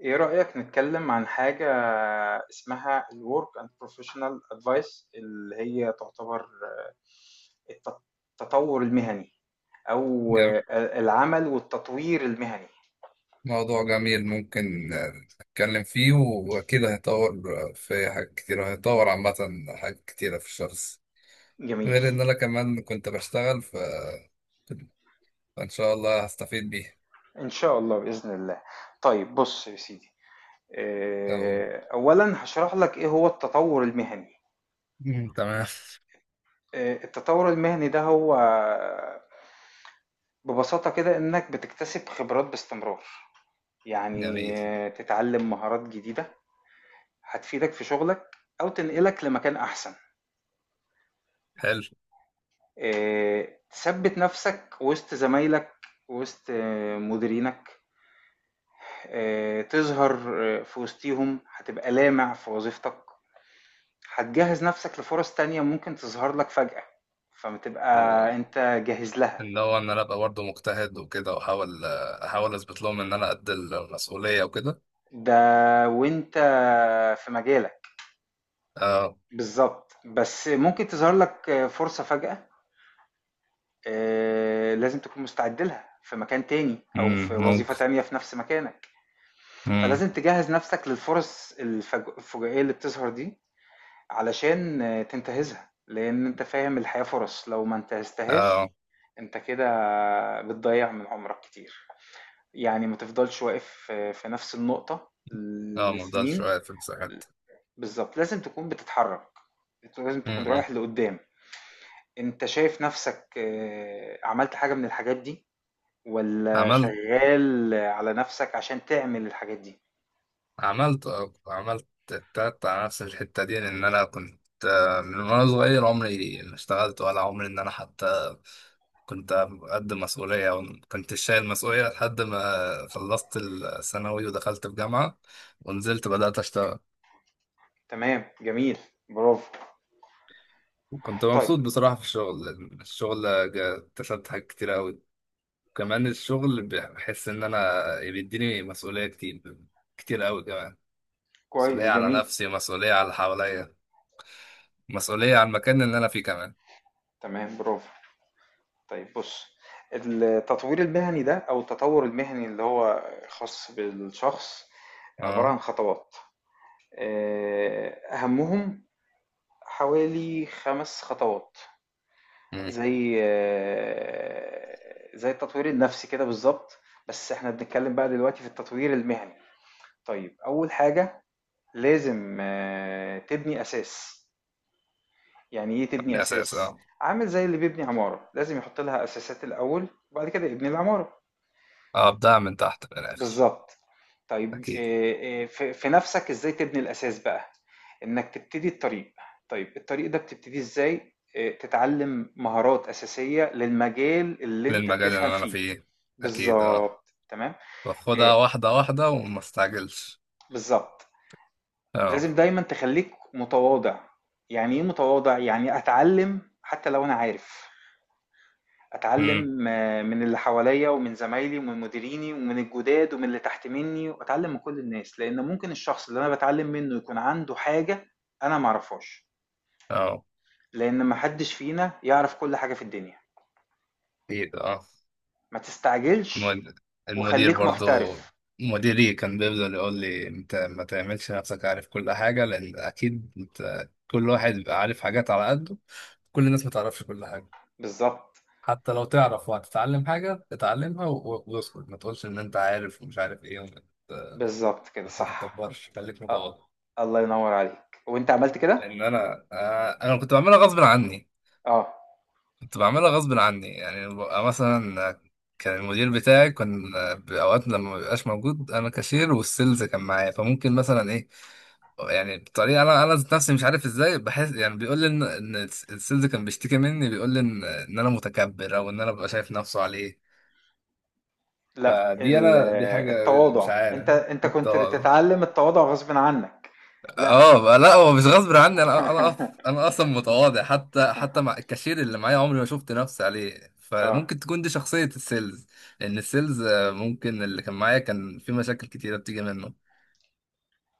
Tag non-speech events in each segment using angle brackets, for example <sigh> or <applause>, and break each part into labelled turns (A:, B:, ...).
A: إيه رأيك نتكلم عن حاجة اسمها ال Work and Professional Advice اللي هي تعتبر الت- التطور المهني أو
B: جم...
A: العمل والتطوير المهني.
B: موضوع جميل، ممكن نتكلم فيه، وأكيد هيطور، في حاجات كتيرة هيطور عامة، حاجات كتيرة في الشخص.
A: جميل.
B: غير إن أنا كمان كنت بشتغل، فإن شاء الله هستفيد بيه.
A: إن شاء الله بإذن الله. طيب بص يا سيدي،
B: أو...
A: أولا هشرح لك إيه هو التطور المهني.
B: مم، تمام.
A: التطور المهني ده هو ببساطة كده إنك بتكتسب خبرات باستمرار، يعني
B: جميل.
A: تتعلم مهارات جديدة هتفيدك في شغلك أو تنقلك لمكان أحسن.
B: حلو.
A: تثبت نفسك وسط زمايلك، وسط مديرينك، تظهر في وسطيهم، هتبقى لامع في وظيفتك، هتجهز نفسك لفرص تانية ممكن تظهر لك فجأة فما تبقى انت جاهز لها.
B: وإن هو إن أنا أبقى برضه مجتهد وكده، وأحاول آه، أحاول أثبت لهم إن أنا قد المسؤولية وكده.
A: ده وانت في مجالك.
B: أه.
A: بالظبط، بس ممكن تظهر لك فرصة فجأة، لازم تكون مستعد لها في مكان تاني او في وظيفة
B: ممكن.
A: تانية في نفس مكانك.
B: مم.
A: فلازم تجهز نفسك للفرص الفجائية اللي بتظهر دي، علشان تنتهزها، لأن أنت فاهم الحياة فرص. لو ما
B: أه.
A: انتهزتهاش أنت كده بتضيع من عمرك كتير، يعني ما تفضلش واقف في نفس النقطة
B: أه، مفضلش
A: لسنين.
B: واقف في المساحات.
A: بالظبط، لازم تكون بتتحرك، أنت لازم تكون
B: امم.
A: رايح لقدام. أنت شايف نفسك عملت حاجة من الحاجات دي، ولا
B: عملت
A: شغال على نفسك عشان تعمل الحاجات دي؟
B: عملت التات على نفس الحتة دي، لأن أنا كنت، من وأنا صغير عمري ما اشتغلت ولا عمري إن أنا حتى كنت قد مسؤولية، أو كنت شايل مسؤولية لحد ما خلصت الثانوي ودخلت في جامعة ونزلت بدأت أشتغل.
A: تمام، جميل، برافو.
B: وكنت
A: طيب.
B: مبسوط بصراحة في الشغل، لأن الشغل اكتسبت حاجات كتير أوي. وكمان الشغل بحس إن أنا بيديني مسؤولية كتير، كتير أوي كمان. مسؤولية
A: كويس،
B: على
A: جميل.
B: نفسي، مسؤولية على اللي حواليا، مسؤولية على المكان اللي أنا فيه كمان.
A: تمام، برافو. طيب بص، التطوير المهني ده او التطور المهني اللي هو خاص بالشخص عبارة
B: اه.
A: عن خطوات، اهمهم حوالي خمس خطوات،
B: مم.
A: زي زي التطوير النفسي كده بالظبط، بس احنا بنتكلم بقى دلوقتي في التطوير المهني. طيب اول حاجة، لازم تبني اساس. يعني ايه
B: من
A: تبني
B: الأساس،
A: اساس؟
B: اه.
A: عامل زي اللي بيبني عمارة، لازم يحط لها اساسات الاول وبعد كده يبني العمارة.
B: أبدأ من تحت في الآخر.
A: بالظبط. طيب
B: أكيد.
A: إيه، في نفسك، ازاي تبني الاساس بقى؟ انك تبتدي الطريق. طيب الطريق ده بتبتدي ازاي؟ تتعلم مهارات اساسية للمجال اللي انت
B: للمجال
A: بتفهم
B: اللي أنا
A: فيه.
B: فيه. أكيد اه.
A: بالظبط، تمام. إيه،
B: باخدها واحدة واحدة وما استعجلش.
A: بالظبط.
B: اه.
A: لازم دايما تخليك متواضع. يعني ايه متواضع؟ يعني اتعلم حتى لو انا عارف،
B: مم.
A: اتعلم من اللي حواليا ومن زمايلي ومن مديريني ومن الجداد ومن اللي تحت مني، واتعلم من كل الناس، لان ممكن الشخص اللي انا بتعلم منه يكون عنده حاجة انا معرفهاش،
B: اه.
A: لان محدش فينا يعرف كل حاجة في الدنيا.
B: أكيد اه.
A: ما تستعجلش
B: المد- المدير
A: وخليك
B: برضو،
A: محترف.
B: مديري كان بيفضل يقول لي أنت ما تعملش نفسك عارف كل حاجة، لأن أكيد أنت، كل واحد بيبقى عارف حاجات على قده. كل الناس ما تعرفش كل حاجة،
A: بالظبط.
B: حتى لو تعرف وهتتعلم حاجة اتعلمها، واسكت ما تقولش ان انت عارف ومش عارف ايه، ت-
A: بالظبط كده
B: ما
A: صح.
B: تتكبرش، خليك
A: اه،
B: متواضع.
A: الله ينور عليك وانت عملت كده.
B: لان انا، انا كنت بعملها غصب عني.
A: اه.
B: كنت بعملها غصب عني، يعني ببقى مثلا، كان المدير بتاعي كان، بأوقات لما ما بيبقاش موجود انا كاشير والسيلز كان معايا، فممكن مثلا ايه، يعني بطريقه انا ذات نفسي مش عارف ازاي، بحس يعني بيقول لي ان السيلز كان بيشتكي مني، بيقول لي ان انا متكبر، او ان انا ببقى شايف نفسه عليه.
A: لا
B: فدي
A: ال-
B: انا، دي حاجه، مش
A: التواضع،
B: عارف
A: انت
B: انت.
A: كنت بتتعلم التواضع غصب عنك. لا.
B: اه، لا، هو مش غصب عني، انا انا أص-
A: <laughs>
B: انا اصلا متواضع، حتى مع الكاشير اللي معايا عمري ما شفت نفسي عليه.
A: اه.
B: فممكن تكون دي شخصية السيلز، لأن السيلز، ممكن اللي كان معايا كان في مشاكل كتيرة بتيجي منه.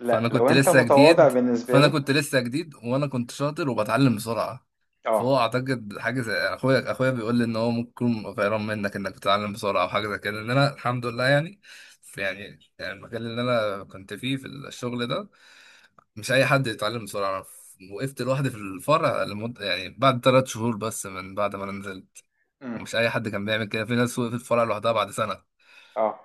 A: لا،
B: فانا
A: لو
B: كنت
A: انت
B: لسه
A: متواضع
B: جديد
A: بالنسبة
B: فانا
A: له.
B: كنت لسه جديد وانا كنت شاطر وبتعلم بسرعه،
A: اه،
B: فهو اعتقد حاجه زي اخويا. اخويا بيقول لي ان هو ممكن يكون غيران منك انك بتتعلم بسرعه، او حاجه زي كده. ان انا الحمد لله يعني، في يعني المكان اللي انا كنت فيه في الشغل ده مش اي حد يتعلم بسرعه. وقفت لوحدي في الفرع لمده، يعني بعد 3 شهور بس من بعد ما انا نزلت.
A: امم
B: ومش اي حد كان بيعمل كده، في ناس وقفت في الفرع لوحدها بعد سنه.
A: اه.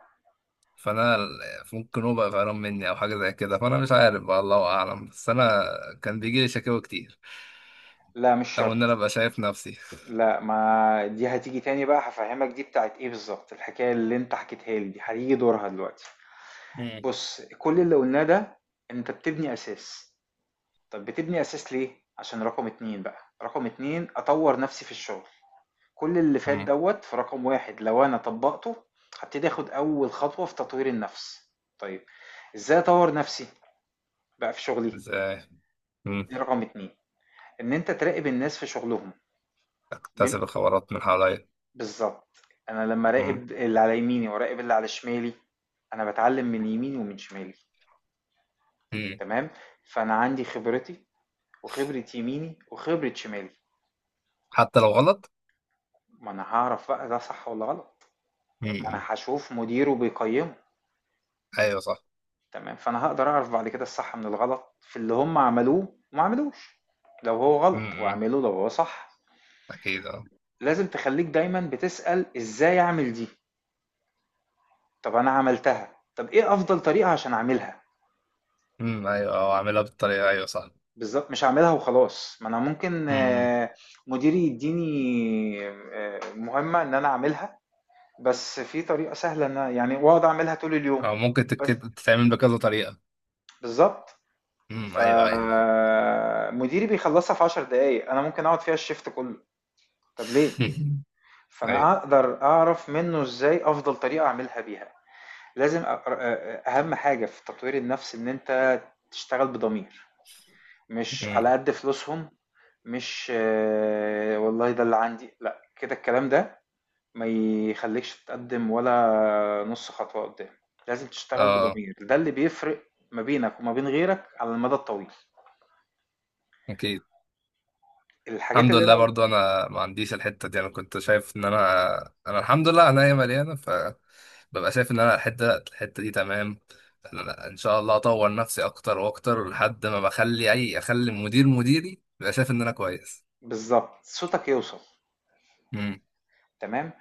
B: فانا ال- ممكن هو بقى قرفان مني او حاجه زي كده، فانا مش عارف بقى، الله اعلم. بس انا كان بيجي لي شكاوى كتير،
A: لا مش
B: او ان انا
A: شرط.
B: ابقى شايف نفسي.
A: لا، ما دي هتيجي تاني بقى هفهمك. دي بتاعت ايه بالظبط؟ الحكاية اللي انت حكيتها لي دي هتيجي دورها دلوقتي. بص، كل اللي قلناه ده انت بتبني اساس. طب بتبني اساس ليه؟ عشان رقم اتنين بقى. رقم اتنين، اطور نفسي في الشغل. كل اللي فات
B: مم.
A: دوت في رقم واحد، لو انا طبقته هبتدي اخد اول خطوة في تطوير النفس. طيب، ازاي اطور نفسي بقى في شغلي؟
B: ازاي. مم.
A: دي رقم اتنين، إن أنت تراقب الناس في شغلهم. بم-
B: اكتسب الخبرات من حواليا.
A: بالظبط. أنا لما
B: مم.
A: أراقب اللي على يميني وأراقب اللي على شمالي، أنا بتعلم من يميني ومن شمالي.
B: مم.
A: تمام. فأنا عندي خبرتي، وخبرة يميني، وخبرة شمالي.
B: حتى لو غلط.
A: ما أنا هعرف بقى ده صح ولا غلط، ما أنا
B: مم.
A: هشوف مديره بيقيمه.
B: ايوه صح.
A: تمام، فأنا هقدر أعرف بعد كده الصح من الغلط في اللي هم عملوه وما عملوش، لو هو غلط
B: مم.
A: وعمله، لو هو صح.
B: اكيد اه.
A: لازم تخليك دايما بتسأل إزاي أعمل دي. طب أنا عملتها، طب إيه أفضل طريقة عشان أعملها؟
B: مم. ايوه، او اعملها بالطريقه، ايوه صح.
A: بالضبط، مش هاعملها وخلاص، ما أنا ممكن
B: مم.
A: مديري يدّيني مهمة إن أنا أعملها، بس في طريقة سهلة. يعني وأقعد أعملها طول اليوم،
B: او ممكن
A: بس،
B: تتعمل بكذا طريقه.
A: بالضبط،
B: مم. ايوه ايوه.
A: فمديري بيخلّصها في 10 دقايق، أنا ممكن أقعد فيها الشيفت كلّه. طب ليه؟
B: <laughs>
A: فأنا
B: ايوه.
A: أقدر أعرف منّه إزاي أفضل طريقة أعملها بيها. لازم أ أر أ أهم حاجة في تطوير النَفْس إن أنت تشتغل بضمير، مش
B: مم.
A: على قد فلوسهم، مش والله ده اللي عندي، لا كده الكلام ده ما يخليكش تتقدم ولا نص خطوة قدام. لازم تشتغل
B: اه.
A: بضمير، ده اللي بيفرق ما بينك وما بين غيرك على المدى الطويل.
B: اكيد.
A: الحاجات
B: الحمد
A: اللي انا،
B: لله برضو انا ما عنديش الحته دي. انا كنت شايف ان انا، انا الحمد لله عينيا مليانه، فببقى شايف ان انا الحته دي تمام. إن أنا ان شاء الله اطور نفسي اكتر واكتر لحد ما بخلي اخلي مديري يبقى شايف ان انا كويس.
A: بالظبط، صوتك يوصل.
B: امم.
A: تمام،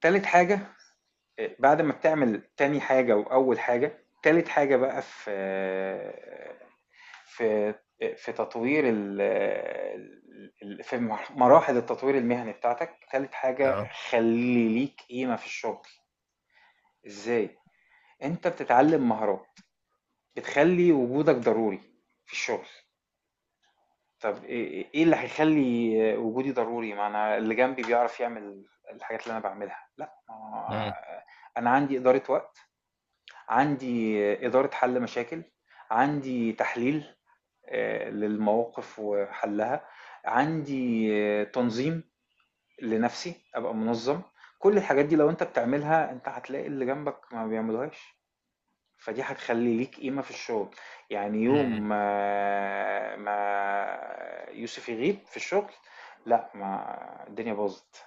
A: تالت حاجة. بعد ما بتعمل تاني حاجة وأول حاجة، تالت حاجة بقى في في في تطوير ال، ال في مراحل التطوير المهني بتاعتك، تالت حاجة،
B: اه.
A: خلي ليك قيمة في الشغل. ازاي؟ انت بتتعلم مهارات بتخلي وجودك ضروري في الشغل. طب إيه اللي هيخلي وجودي ضروري، ما انا اللي جنبي بيعرف يعمل الحاجات اللي انا بعملها؟ لا، ما
B: امم.
A: هو انا عندي إدارة وقت، عندي إدارة حل مشاكل، عندي تحليل للمواقف وحلها، عندي تنظيم لنفسي، ابقى منظم. كل الحاجات دي لو انت بتعملها، انت هتلاقي اللي جنبك ما بيعملوهاش، فدي هتخلي ليك قيمة في الشغل. يعني يوم
B: امم.
A: ما, يوسف يغيب في الشغل، لا، ما الدنيا باظت،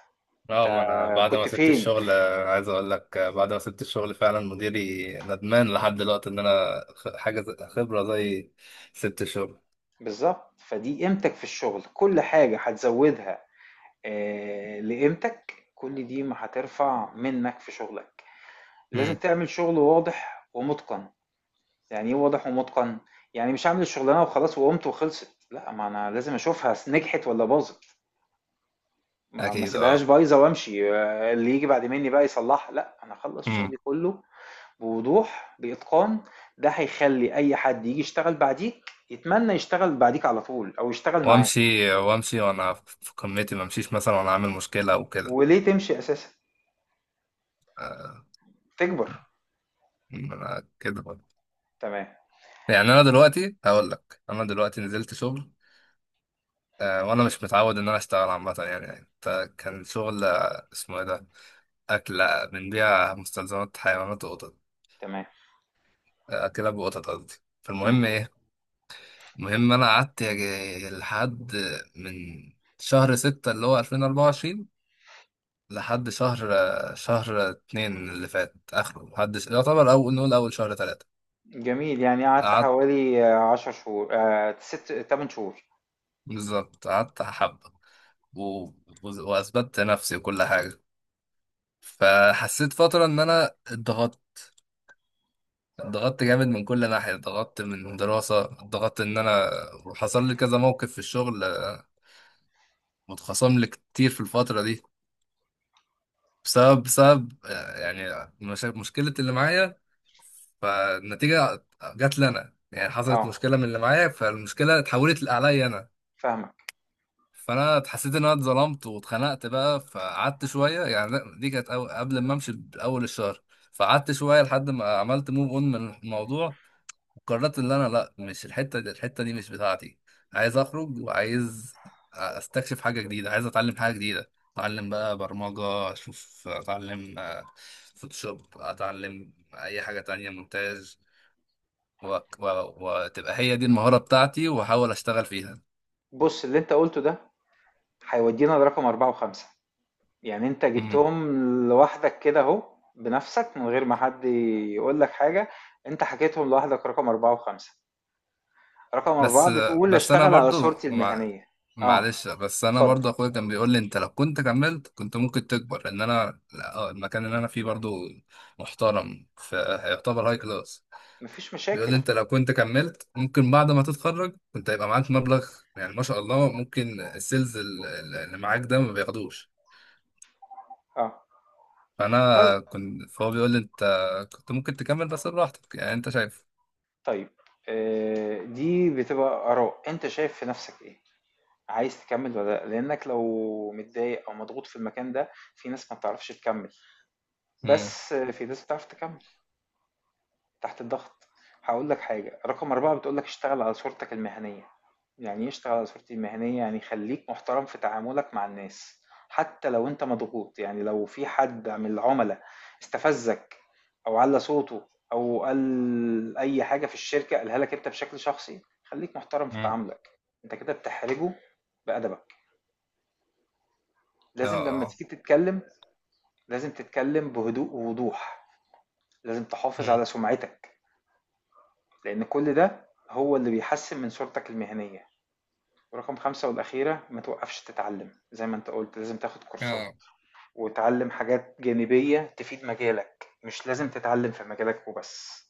A: انت
B: اه. ما انا بعد ما
A: كنت
B: سبت
A: فين؟
B: الشغل، عايز اقول لك، بعد ما سبت الشغل فعلا مديري ندمان لحد دلوقتي ان انا، حاجه خبره زي. سبت الشغل.
A: بالظبط، فدي قيمتك في الشغل. كل حاجة هتزودها لقيمتك، كل دي ما هترفع منك في شغلك. لازم
B: امم.
A: تعمل شغل واضح ومتقن. يعني ايه واضح ومتقن؟ يعني مش هعمل الشغلانه وخلاص وقمت وخلصت، لا ما انا لازم اشوفها نجحت ولا باظت، ما
B: اكيد اه.
A: سيبهاش بايظه وامشي اللي يجي بعد مني بقى يصلحها، لا انا اخلص شغلي كله بوضوح، باتقان. ده هيخلي اي حد يجي يشتغل بعديك يتمنى يشتغل بعديك على طول، او يشتغل معاك.
B: وامشي وامشي وانا في قمتي، ما امشيش مثلا وانا عامل مشكله او كده.
A: وليه تمشي اساسا؟
B: آه،
A: تكبر.
B: انا كده برضه.
A: تمام.
B: يعني انا دلوقتي هقول لك، انا دلوقتي نزلت شغل، وانا مش متعود ان انا اشتغل عامه، يعني يعني كان شغل، اسمه ايه ده، اكل، بنبيع مستلزمات حيوانات وقطط،
A: تمام.
B: كلاب وقطط قصدي.
A: مم.
B: فالمهم ايه؟ المهم انا قعدت، لحد من شهر 6 اللي هو 2024، لحد شهر اتنين اللي فات اخره، لحد يعتبر اول، نقول اول شهر 3.
A: جميل، يعني قعدت
B: قعدت.
A: حوالي 10 شهور، ست تمن شهور.
B: بالظبط قعدت حبة، و... واثبتت نفسي وكل حاجة. فحسيت فترة ان انا اتضغطت، اتضغطت جامد من كل ناحية، اتضغطت من دراسة، اتضغطت ان انا، وحصل لي كذا موقف في الشغل، متخصم لي كتير في الفترة دي، بسبب يعني مشكلة اللي معايا. فالنتيجة جات لي أنا، يعني حصلت
A: اه،
B: مشكلة من اللي معايا، فالمشكلة اتحولت عليا أنا.
A: فاهمك.
B: فأنا حسيت إن أنا اتظلمت واتخنقت بقى، فقعدت شوية يعني، لا، دي كانت، قبل ما أمشي بأول الشهر. فقعدت شوية لحد ما عملت موف أون من الموضوع، وقررت إن أنا لأ، مش الحتة دي، الحتة دي مش بتاعتي. عايز أخرج، وعايز أستكشف حاجة جديدة، عايز أتعلم حاجة جديدة. أتعلم بقى برمجة، أشوف، أتعلم، فوتوشوب، أتعلم أي حاجة تانية، مونتاج، و... و... وتبقى هي دي المهارة بتاعتي، واحاول اشتغل فيها.
A: بص اللي انت قلته ده هيودينا لرقم أربعة وخمسة، يعني انت
B: مم.
A: جبتهم لوحدك كده اهو، بنفسك من غير ما حد يقول لك حاجة، انت حكيتهم لوحدك، رقم أربعة وخمسة. رقم أربعة
B: بس
A: بتقول
B: بس انا
A: اشتغل على
B: برضو،
A: صورتي
B: مع...
A: المهنية. اه،
B: معلش، بس انا
A: اتفضل،
B: برضو اخويا كان بيقول لي انت لو كنت كملت كنت ممكن تكبر، لان انا، لا، المكان اللي انا فيه برضو محترم، فيعتبر هاي كلاس.
A: مفيش
B: بيقول لي
A: مشاكل.
B: انت لو كنت كملت ممكن بعد ما تتخرج كنت هيبقى معاك مبلغ، يعني ما شاء الله، ممكن السيلز اللي معاك ده ما بياخدوش.
A: اه. طيب.
B: فانا كنت فهو بيقول لي انت كنت ممكن تكمل، بس براحتك يعني انت شايف.
A: طيب، دي بتبقى آراء، انت شايف في نفسك ايه، عايز تكمل ولا لأ؟ لانك لو متضايق او مضغوط في المكان ده، في ناس ما بتعرفش تكمل، بس في ناس بتعرف تكمل تحت الضغط. هقول لك حاجة، رقم أربعة بتقول لك اشتغل على صورتك المهنية. يعني ايه اشتغل على صورتي المهنية؟ يعني خليك محترم في تعاملك مع الناس، حتى لو انت مضغوط. يعني لو في حد من العملاء استفزك او على صوته او قال اي حاجة في الشركة قالها لك انت بشكل شخصي، خليك محترم في
B: مم.
A: تعاملك، انت كده بتحرجه بأدبك.
B: اه.
A: لازم لما
B: اه.
A: تيجي تتكلم، لازم تتكلم بهدوء ووضوح، لازم تحافظ
B: مم.
A: على سمعتك، لأن كل ده هو اللي بيحسن من صورتك المهنية. ورقم خمسة والأخيرة، ما توقفش تتعلم، زي ما أنت قلت، لازم تاخد كورسات
B: اه.
A: وتعلم حاجات جانبية تفيد مجالك، مش لازم تتعلم في مجالك وبس